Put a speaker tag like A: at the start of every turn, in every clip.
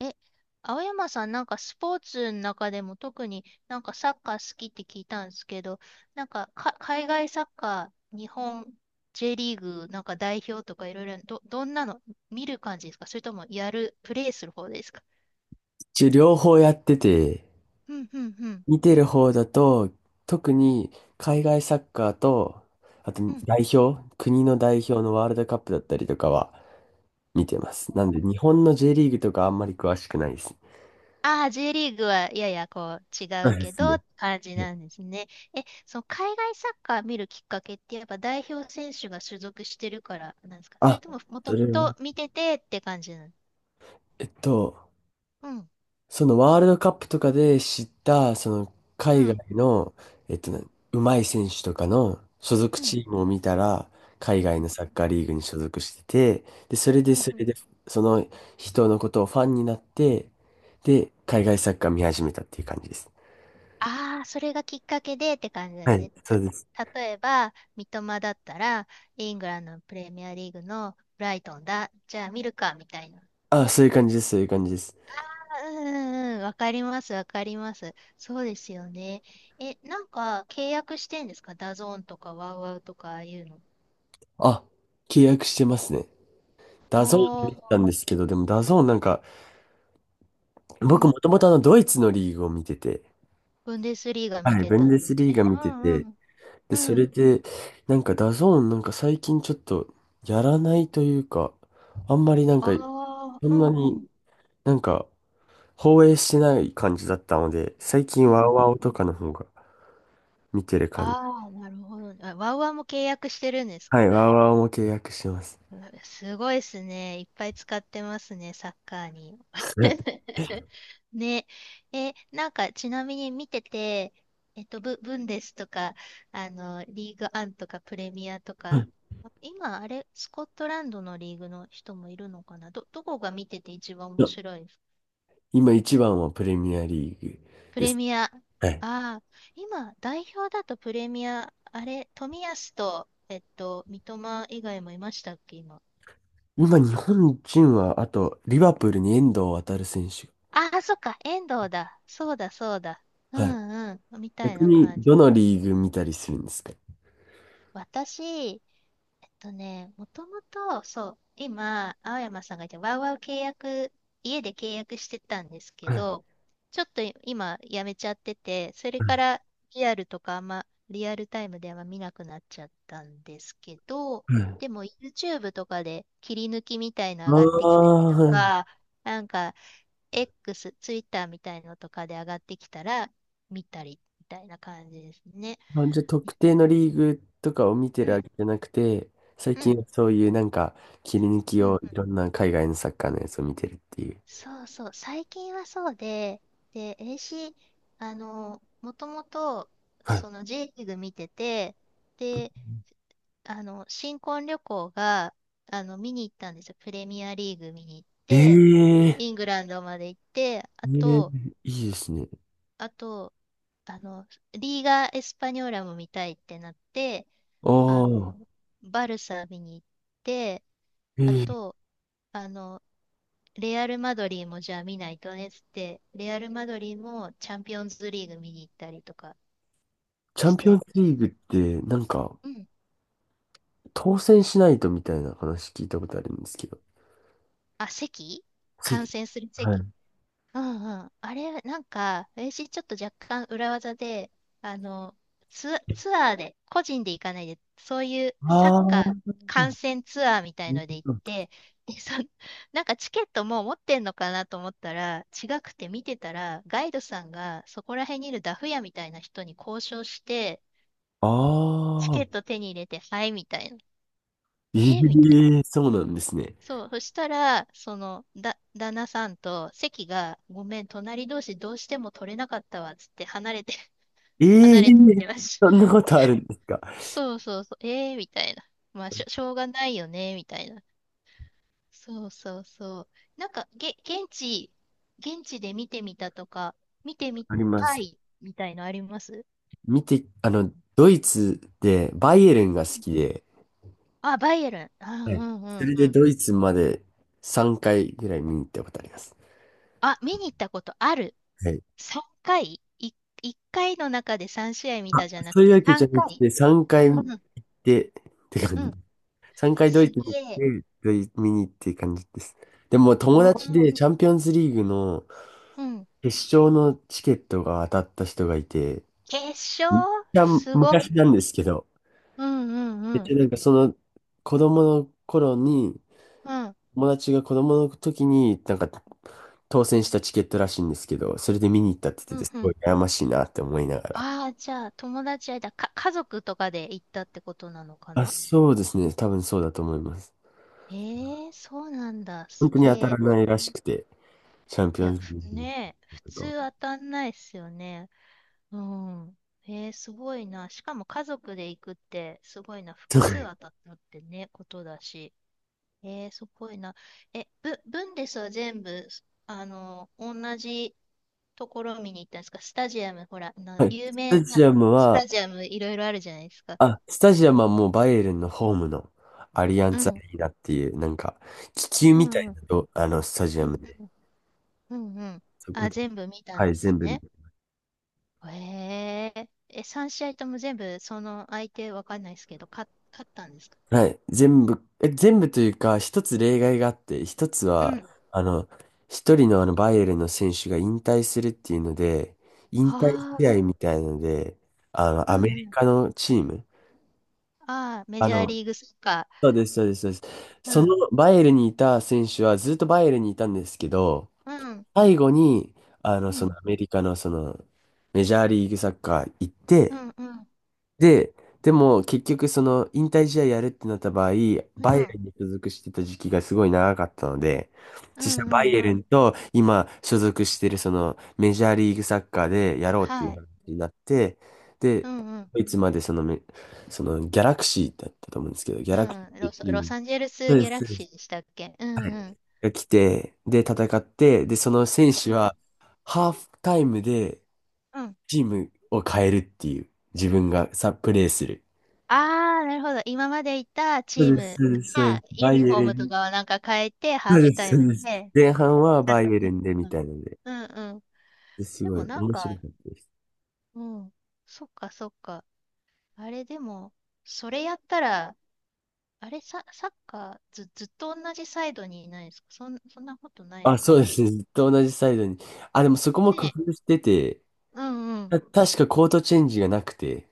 A: え、青山さん、なんかスポーツの中でも特になんかサッカー好きって聞いたんですけど、なんか、海外サッカー、日本 J リーグ、なんか代表とかいろいろ、どんなの見る感じですか？それともプレイする方ですか？
B: 一応両方やってて、
A: うん、うん、うん。
B: 見てる方だと、特に海外サッカーと、あと
A: うん。
B: 代表、国の代表のワールドカップだったりとかは見てます。なんで日本の J リーグとかあんまり詳しくないです。
A: ああ、J リーグはややこう違
B: そ
A: う
B: うで
A: け
B: す
A: どっ
B: ね。
A: て感じ
B: はい。
A: なんですね。え、その海外サッカー見るきっかけってやっぱ代表選手が所属してるからなんですか？それ
B: あ、
A: とももと
B: そ
A: も
B: れは、
A: と見ててって感じなの？
B: えっと、
A: うん、
B: そのワールドカップとかで知った、その
A: うん、
B: 海
A: う
B: 外
A: ん、
B: の、えっとね、うまい選手とかの所属
A: うん、うん、
B: チームを見たら、海外
A: う
B: のサッカーリーグに所属してて、で、それで
A: ん。
B: そ
A: う
B: れ
A: ん。
B: で、その人のことをファンになって、で、海外サッカー見始めたっていう感じです。
A: ああ、それがきっかけでって感じで
B: は
A: す
B: い、
A: ね。
B: そうです。
A: 例えば、三笘だったら、イングランドのプレミアリーグのブライトンだ。じゃあ見るか、みたいな。
B: あ、そういう感じです、そういう感じです。
A: うんうんうん、わかります、わかります。そうですよね。え、なんか契約してんですか？ダゾーンとかワウワウとかああいうの。
B: あ、契約してますね。ダゾーンで見て
A: お
B: たんですけど、でもダゾーンなんか、
A: おう
B: 僕も
A: ん。
B: ともとあのドイツのリーグを見てて、
A: ブンデスリーガ見
B: はい、
A: て
B: ブン
A: たん
B: デ
A: です
B: スリー
A: ね。
B: ガ見
A: う
B: て
A: んう
B: て、
A: ん。
B: で、そ
A: うん。
B: れで、なんかダゾーンなんか最近ちょっとやらないというか、あんまりなん
A: あ
B: か、そ
A: あ、う
B: んな
A: んう
B: に
A: ん。
B: なんか放映してない感じだったので、最
A: う
B: 近
A: ん
B: ワウ
A: う
B: ワ
A: ん。
B: ウとかの方が見てる感じ。
A: ああ、なるほどね。あ、ワウワウも契約してるんです
B: は
A: か？
B: い、ワウワウも契約してます。
A: うわすごいですね。いっぱい使ってますね、サッカーに。ね。え、なんか、ちなみに見てて、えっと、ブンデスとか、あの、リーグアンとか、プレミアとか、今、あれ、スコットランドのリーグの人もいるのかな、どこが見てて一番面白い？
B: 今一番はプレミアリーグ
A: プ
B: で
A: レ
B: す。
A: ミア。あ
B: はい。
A: あ、今、代表だとプレミア、あれ、冨安と、えっと、三笘以外もいましたっけ、今。
B: 今日本人は、あと、リバプールに遠藤航選手。
A: ああ、そっか、遠藤だ。そうだ、そうだ。う
B: はい。
A: んうん、みたい
B: 逆
A: な
B: に、
A: 感じ。
B: どのリーグ見たりするんですか？
A: 私、えっとね、もともと、そう、今、青山さんが言って、ワウワウ契約、家で契約してたんですけ
B: はい。
A: ど、ちょっと今、やめちゃってて、それか
B: は
A: らリアルとかあんま、リアルタイムでは見なくなっちゃったんですけど、
B: い。は
A: で
B: い。
A: も YouTube とかで切り抜きみたいの
B: あ
A: 上がってきたり
B: あ
A: と
B: ー、はい。
A: か、なんか X、Twitter みたいのとかで上がってきたら見たりみたいな感じですね。
B: あ、じゃあ特定のリーグとかを見て
A: う
B: るわ
A: ん、
B: けじゃなくて、最
A: う
B: 近
A: ん、
B: はそういうなんか切り抜き
A: うん、う
B: を
A: ん。
B: いろんな海外のサッカーのやつを見てるっていう。
A: そうそう、最近はそうで、で、AC、もともと、
B: はい。
A: その J リーグ見てて、で、あの、新婚旅行が、あの、見に行ったんですよ。プレミアリーグ見に行っ
B: え
A: て、
B: え
A: イングランドまで行って、あ
B: ええ
A: と、
B: いいですね。
A: あと、あの、リーガ・エスパニョーラも見たいってなって、
B: あ
A: あの、
B: あ、
A: バルサ見に行って、あ
B: ええ。
A: と、あの、レアル・マドリーもじゃあ見ないとねっつって、レアル・マドリーもチャンピオンズリーグ見に行ったりとか
B: チャン
A: し
B: ピオン
A: て、
B: ズリーグってなんか
A: うん。
B: 当選しないとみたいな話聞いたことあるんですけど。
A: あ、席
B: つ
A: 観
B: い。
A: 戦する
B: はい。
A: 席。うんうん。あれ、なんか、私ちょっと若干裏技で、あの、ツアーで、個人で行かないで、そういうサッカ
B: あ
A: ー
B: あ、
A: 観戦ツアーみたいので行って、で、そ、なんかチケットもう持ってんのかなと思ったら、違くて見てたら、ガイドさんがそこら辺にいるダフ屋みたいな人に交渉して、
B: あ
A: チケ
B: あ、
A: ット手に入れて、はい、みたいな。え
B: え
A: ーみたいな。
B: えそうなんですね。
A: そう、そしたら、旦那さんと席が、ごめん、隣同士どうしても取れなかったわ、つって離れて、
B: え
A: 離
B: え、
A: れてきてました。
B: そんなことあるんですか？
A: そうそうそう、えーみたいな。まあ、しょうがないよね、みたいな。そうそうそう。なんか、げ、現地、現地で見てみたとか、見てみ
B: ありま
A: た
B: す。
A: い、みたいのあります？
B: 見て、あの、ドイツでバイエルンが好きで、
A: あ、バイエルン。あ、う
B: は
A: ん
B: い。
A: う
B: そ
A: ん
B: れで
A: うん。
B: ドイツまで3回ぐらい見に行ったことあります。
A: あ、見に行ったことある。
B: はい。
A: 3回、1回の中で3試合見
B: あ、
A: たじゃなく
B: そういう
A: て
B: わけじゃ
A: 3
B: なく
A: 回。
B: て、3
A: う
B: 回
A: ん
B: 行っ
A: うん、
B: て、って
A: う
B: 感じ。
A: ん。
B: 3回ド
A: す
B: イツに行っ
A: げえ。
B: て、見に行って感じです。でも友
A: お
B: 達
A: ー
B: でチャンピオンズリーグの
A: うん。
B: 決勝のチケットが当たった人がいて、
A: 決勝
B: めっちゃ
A: すごっ。
B: 昔なんですけど、
A: うんう
B: めっ
A: んう
B: ち
A: ん。
B: ゃなんかその子供の頃に、
A: うん、
B: 友達が子供の時に、なんか当選したチケットらしいんですけど、それで見に行ったって言
A: う
B: ってて、
A: ん
B: す
A: う
B: ごい
A: ん。
B: 悩ましいなって思いながら。
A: ああ、じゃあ友達間、か、家族とかで行ったってことなのか
B: あ、
A: な？
B: そうですね。多分そうだと思います。
A: ええー、そうなんだ。
B: 本
A: す
B: 当に
A: げ
B: 当たら
A: え。う
B: な
A: ん。
B: いらしくて、チャンピ
A: い
B: オ
A: や、
B: ンズ
A: ふ
B: リーグ
A: ねえ、普
B: と
A: 通
B: か。
A: 当たんないっすよね。うん。えー、すごいな。しかも家族で行くって、すごいな。
B: と
A: 複
B: か
A: 数当たったってね、ことだし。えー、すごいな。え、ブンデスは全部、あの、同じところ見に行ったんですか？スタジアム、ほら、
B: はい。
A: 有
B: ス
A: 名
B: タ
A: な
B: ジアム
A: ス
B: は、
A: タジアムいろいろあるじゃないですか。
B: あ、スタジアムはもうバイエルンのホームのアリアン
A: う
B: ツア
A: ん、
B: リーナっていう、なんか、気球
A: う
B: みたい
A: ん、うん、
B: なと、あの、スタジ
A: う
B: ア
A: ん、
B: ムで、
A: うん、うんうん。
B: そこ
A: あ、
B: で、
A: 全部見た
B: は
A: んで
B: い、
A: す
B: 全部。
A: ね。へえ、え、3試合とも全部、その相手わかんないですけど、勝ったんですか？
B: はい。全部というか、一つ例外があって、一つ
A: う
B: は、
A: ん。
B: あの、一人のあの、バイエルンの選手が引退するっていうので、引退試合
A: あ、
B: みたいので、あの、
A: う
B: アメ
A: んう
B: リ
A: ん。
B: カのチーム、
A: ああ、メ
B: あ
A: ジャー
B: の、
A: リーグサッカ
B: そうです、そうです、そうです。
A: ー。う
B: そ
A: ん。
B: のバイエルンにいた選手はずっとバイエルンにいたんですけど、
A: うん。
B: 最後に、あの、
A: う
B: その
A: ん。
B: アメリカのその、メジャーリーグサッカー行っ
A: う
B: て、
A: ん。うん。
B: で、でも結局その引退試合やるってなった場合、バ
A: うん。う
B: イエル
A: ん。
B: ンに所属してた時期がすごい長かったので、
A: う
B: そしたらバイエ
A: んう
B: ル
A: ん。
B: ンと今所属してるそのメジャーリーグサッカーでやろうってい
A: は
B: う
A: い。
B: 話になって、で、
A: うん。うん。
B: ドイツまでそのめ、そのギャラクシーだったと思うんですけど、ギャ
A: う
B: ラクシ
A: ん。
B: ー
A: ロ
B: っ
A: ス、
B: ていう
A: ロ
B: チーム。
A: サンゼル
B: そ
A: ス
B: うで
A: ギャ
B: す、
A: ラ
B: そう
A: ク
B: で
A: シ
B: す。
A: ーでしたっけ？う
B: は
A: んう
B: い。
A: ん。
B: が来て、で、戦って、で、その選
A: う
B: 手
A: ん。
B: はハーフタイムで
A: うん。
B: チームを変えるっていう、自分がさ、プレーする。
A: ああ、なるほど。今までいた
B: そ
A: チー
B: うです、
A: ム
B: そうです、そうで
A: が
B: す。
A: ユ
B: バイ
A: ニフ
B: エ
A: ォー
B: ル
A: ムと
B: ン。
A: かをなんか変えて、ハ
B: そ
A: ー
B: うで
A: フタ
B: す、
A: イ
B: そう
A: ム
B: です。
A: で。
B: 前半はバイエルンでみ
A: うん
B: たいなので、
A: うんうんうん。
B: です
A: で
B: ごい
A: もなん
B: 面
A: か、
B: 白かったです。
A: うん。そっかそっか。あれでも、それやったら、あれ、サ、サッカーず、ずっと同じサイドにいないですか？そんなことないの
B: あ、
A: か
B: そうで
A: な？
B: すね。ずっと同じサイドに。あ、でもそこも
A: ね
B: 工
A: え。
B: 夫してて、
A: うんうん。
B: 確かコートチェンジがなくて、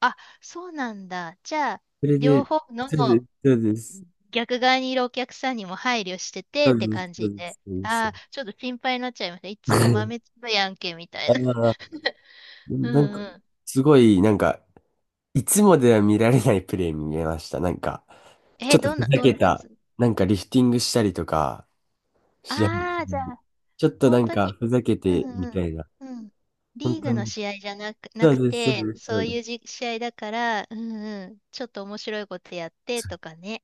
A: あ、そうなんだ。じゃあ、
B: それ
A: 両
B: で、
A: 方の
B: そうです、
A: 逆側にいるお客さんにも配慮して
B: そ
A: てっ
B: う
A: て
B: です、
A: 感
B: そう
A: じ
B: で
A: で。
B: す、そうです、そう
A: ああ、
B: です。
A: ちょっと心配になっちゃいました。いつも豆 粒やんけ、みた
B: あ
A: いな。
B: あ、
A: うん
B: なんか、
A: うん。
B: すごい、なんか、いつもでは見られないプレー見えました。なんか、ち
A: え、
B: ょっとふざ
A: どん
B: け
A: なや
B: た、
A: つ？
B: なんかリフティングしたりとか、試合中
A: ああー、じゃ
B: に
A: あ、
B: ちょっとな
A: 本
B: ん
A: 当
B: か
A: に、
B: ふざけ
A: う
B: て
A: んう
B: みた
A: ん、
B: いな。
A: うん。
B: 本
A: リー
B: 当
A: グの
B: に。
A: 試合じゃなく、な
B: そ
A: く
B: うです、そ
A: て、
B: うです、そ
A: そ
B: う
A: う
B: です。
A: いう試合だから、うん。うん、ちょっと面白いことやってとかね。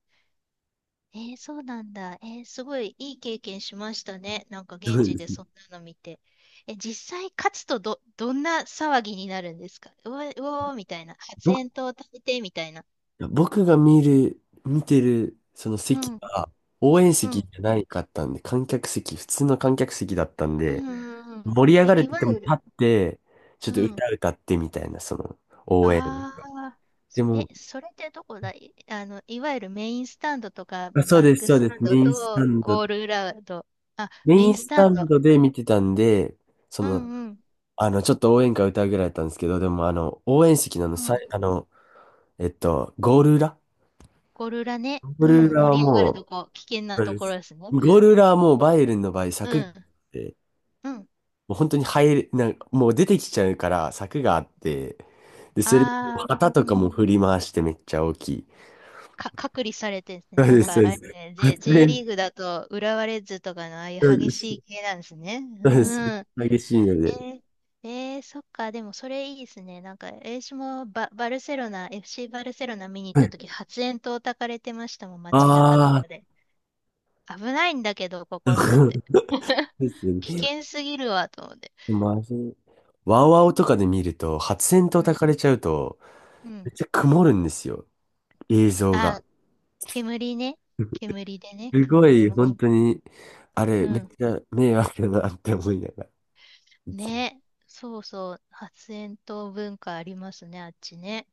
A: えーそうなんだ。えーすごいいい経験しましたね。なんか
B: そ
A: 現
B: う
A: 地
B: です
A: で
B: ね。
A: そんなの見て。え、実際勝つとどんな騒ぎになるんですか？うわ、うおーみたいな。発
B: 僕
A: 煙筒を食べてみたいな。
B: 僕が見てるその
A: う
B: 席
A: ん、うん、
B: が応援
A: う
B: 席
A: ん、
B: じゃないかったんで、観客席、普通の観客席だったん
A: う
B: で、
A: ん、うん。
B: 盛り上がれ
A: い
B: て
A: わ
B: ても
A: ゆ
B: 立
A: る、
B: って、ちょっ
A: う
B: と
A: ん。
B: 歌歌ってみたいな、その応援。
A: ああ、
B: でも、
A: それってどこだい、あの、いわゆるメインスタンドとか、
B: あ、そう
A: バッ
B: です、
A: ク
B: そう
A: ス
B: で
A: タ
B: す。
A: ン
B: メ
A: ド
B: インスタ
A: と
B: ンド、
A: ゴール裏と、あ、
B: メ
A: メ
B: イ
A: イン
B: ン
A: ス
B: ス
A: タ
B: タ
A: ン
B: ン
A: ド。
B: ドで見てたんで、そ
A: う
B: の、
A: んうん。
B: あの、ちょっと応援歌歌うぐらいだったんですけど、でも、あの、応援席のあの、
A: う
B: さ
A: ん。
B: い、あの、えっと、ゴール裏
A: ゴール裏ね。
B: ゴー
A: う
B: ル
A: ん。
B: 裏は
A: 盛り上がると
B: もう、
A: こ、危険な
B: そう
A: と
B: で
A: ころ
B: す。
A: ですね。
B: ゴール裏はもうバイエルンの場合、
A: う
B: 柵があ
A: ん。
B: って、
A: うん。
B: もう本当になんかもう出てきちゃうから柵があって、で、それ、
A: ああ、
B: 旗
A: う
B: とかも
A: ん。
B: 振り回してめっちゃ大きい。
A: 隔離されてですね。
B: そう
A: な
B: で
A: ん
B: す、そ
A: か、
B: う
A: あ
B: で
A: れ
B: す。
A: ね、J リーグだと、浦和レッズとかのああいう
B: そう
A: 激
B: です、
A: しい系なんですね。
B: そうです。
A: うん。
B: 激しいの
A: え
B: で。
A: ー、えーそっか、でもそれいいですね。なんか、私もバルセロナ、FC バルセロナ見に行った時、発煙筒焚かれてましたもん、街中と
B: ああ
A: かで。危ないんだけど、こ
B: ー、
A: こと思
B: そ
A: って。
B: う です
A: 危
B: ね。
A: 険すぎるわ、と思って。
B: マジ。ワウワウとかで見ると、発煙筒
A: う
B: 焚
A: ん。
B: かれちゃうと、
A: う
B: め
A: ん。
B: っちゃ曇るんですよ。映像が。
A: あ、煙ね。煙でね、
B: すご
A: 曇り
B: い、
A: ます
B: 本当
A: ね。
B: に、あ
A: う
B: れ、めっ
A: ん。
B: ちゃ迷惑だなって思いながら。
A: ね。そうそう。発煙筒文化ありますね、あっちね。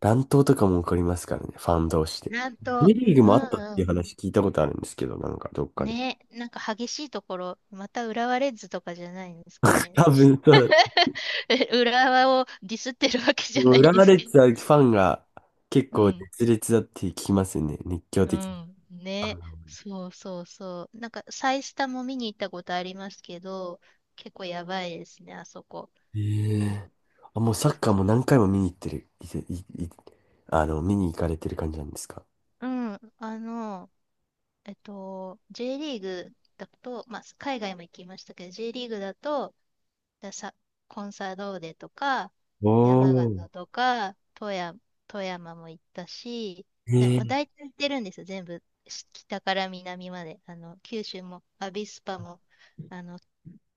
B: 乱闘とかも起こりますからね、ファン同士で。
A: なん
B: J
A: と、
B: リーグ
A: う
B: もあ
A: ん
B: ったって
A: う
B: いう
A: ん。
B: 話聞いたことあるんですけど、なんかどっかで。
A: ね、なんか激しいところ、また浦和レッズとかじゃないんですかね。
B: 多分、そうだ、
A: え浦和をディスってるわけじゃ
B: も
A: な
B: う
A: い
B: レ
A: んです
B: ッ
A: け
B: ズはファンが結
A: ど。う
B: 構
A: ん。
B: 熱烈だって聞きますよね、熱狂
A: う
B: 的な。
A: ん。ね。そうそうそう。なんか、サイスタも見に行ったことありますけど、結構やばいですね、あそこ。
B: ええ。あ、もうサッカーも何回も見に行ってる、いていいあの、見に行かれてる感じなんですか？
A: うん。あの、えっと、J リーグだと、まあ、海外も行きましたけど、J リーグだと、ださ、コンサドーレとか、
B: お
A: 山
B: おー。
A: 形とか、富山、富山も行ったし、まあ、
B: え
A: 大
B: え
A: 体行ってるんですよ、全部。北から南まで。あの、九州も、アビスパも、あの、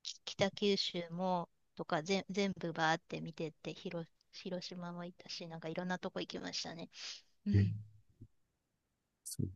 A: 北九州も、とか、全部バーって見てって、広島も行ったし、なんかいろんなとこ行きましたね。うん。
B: そう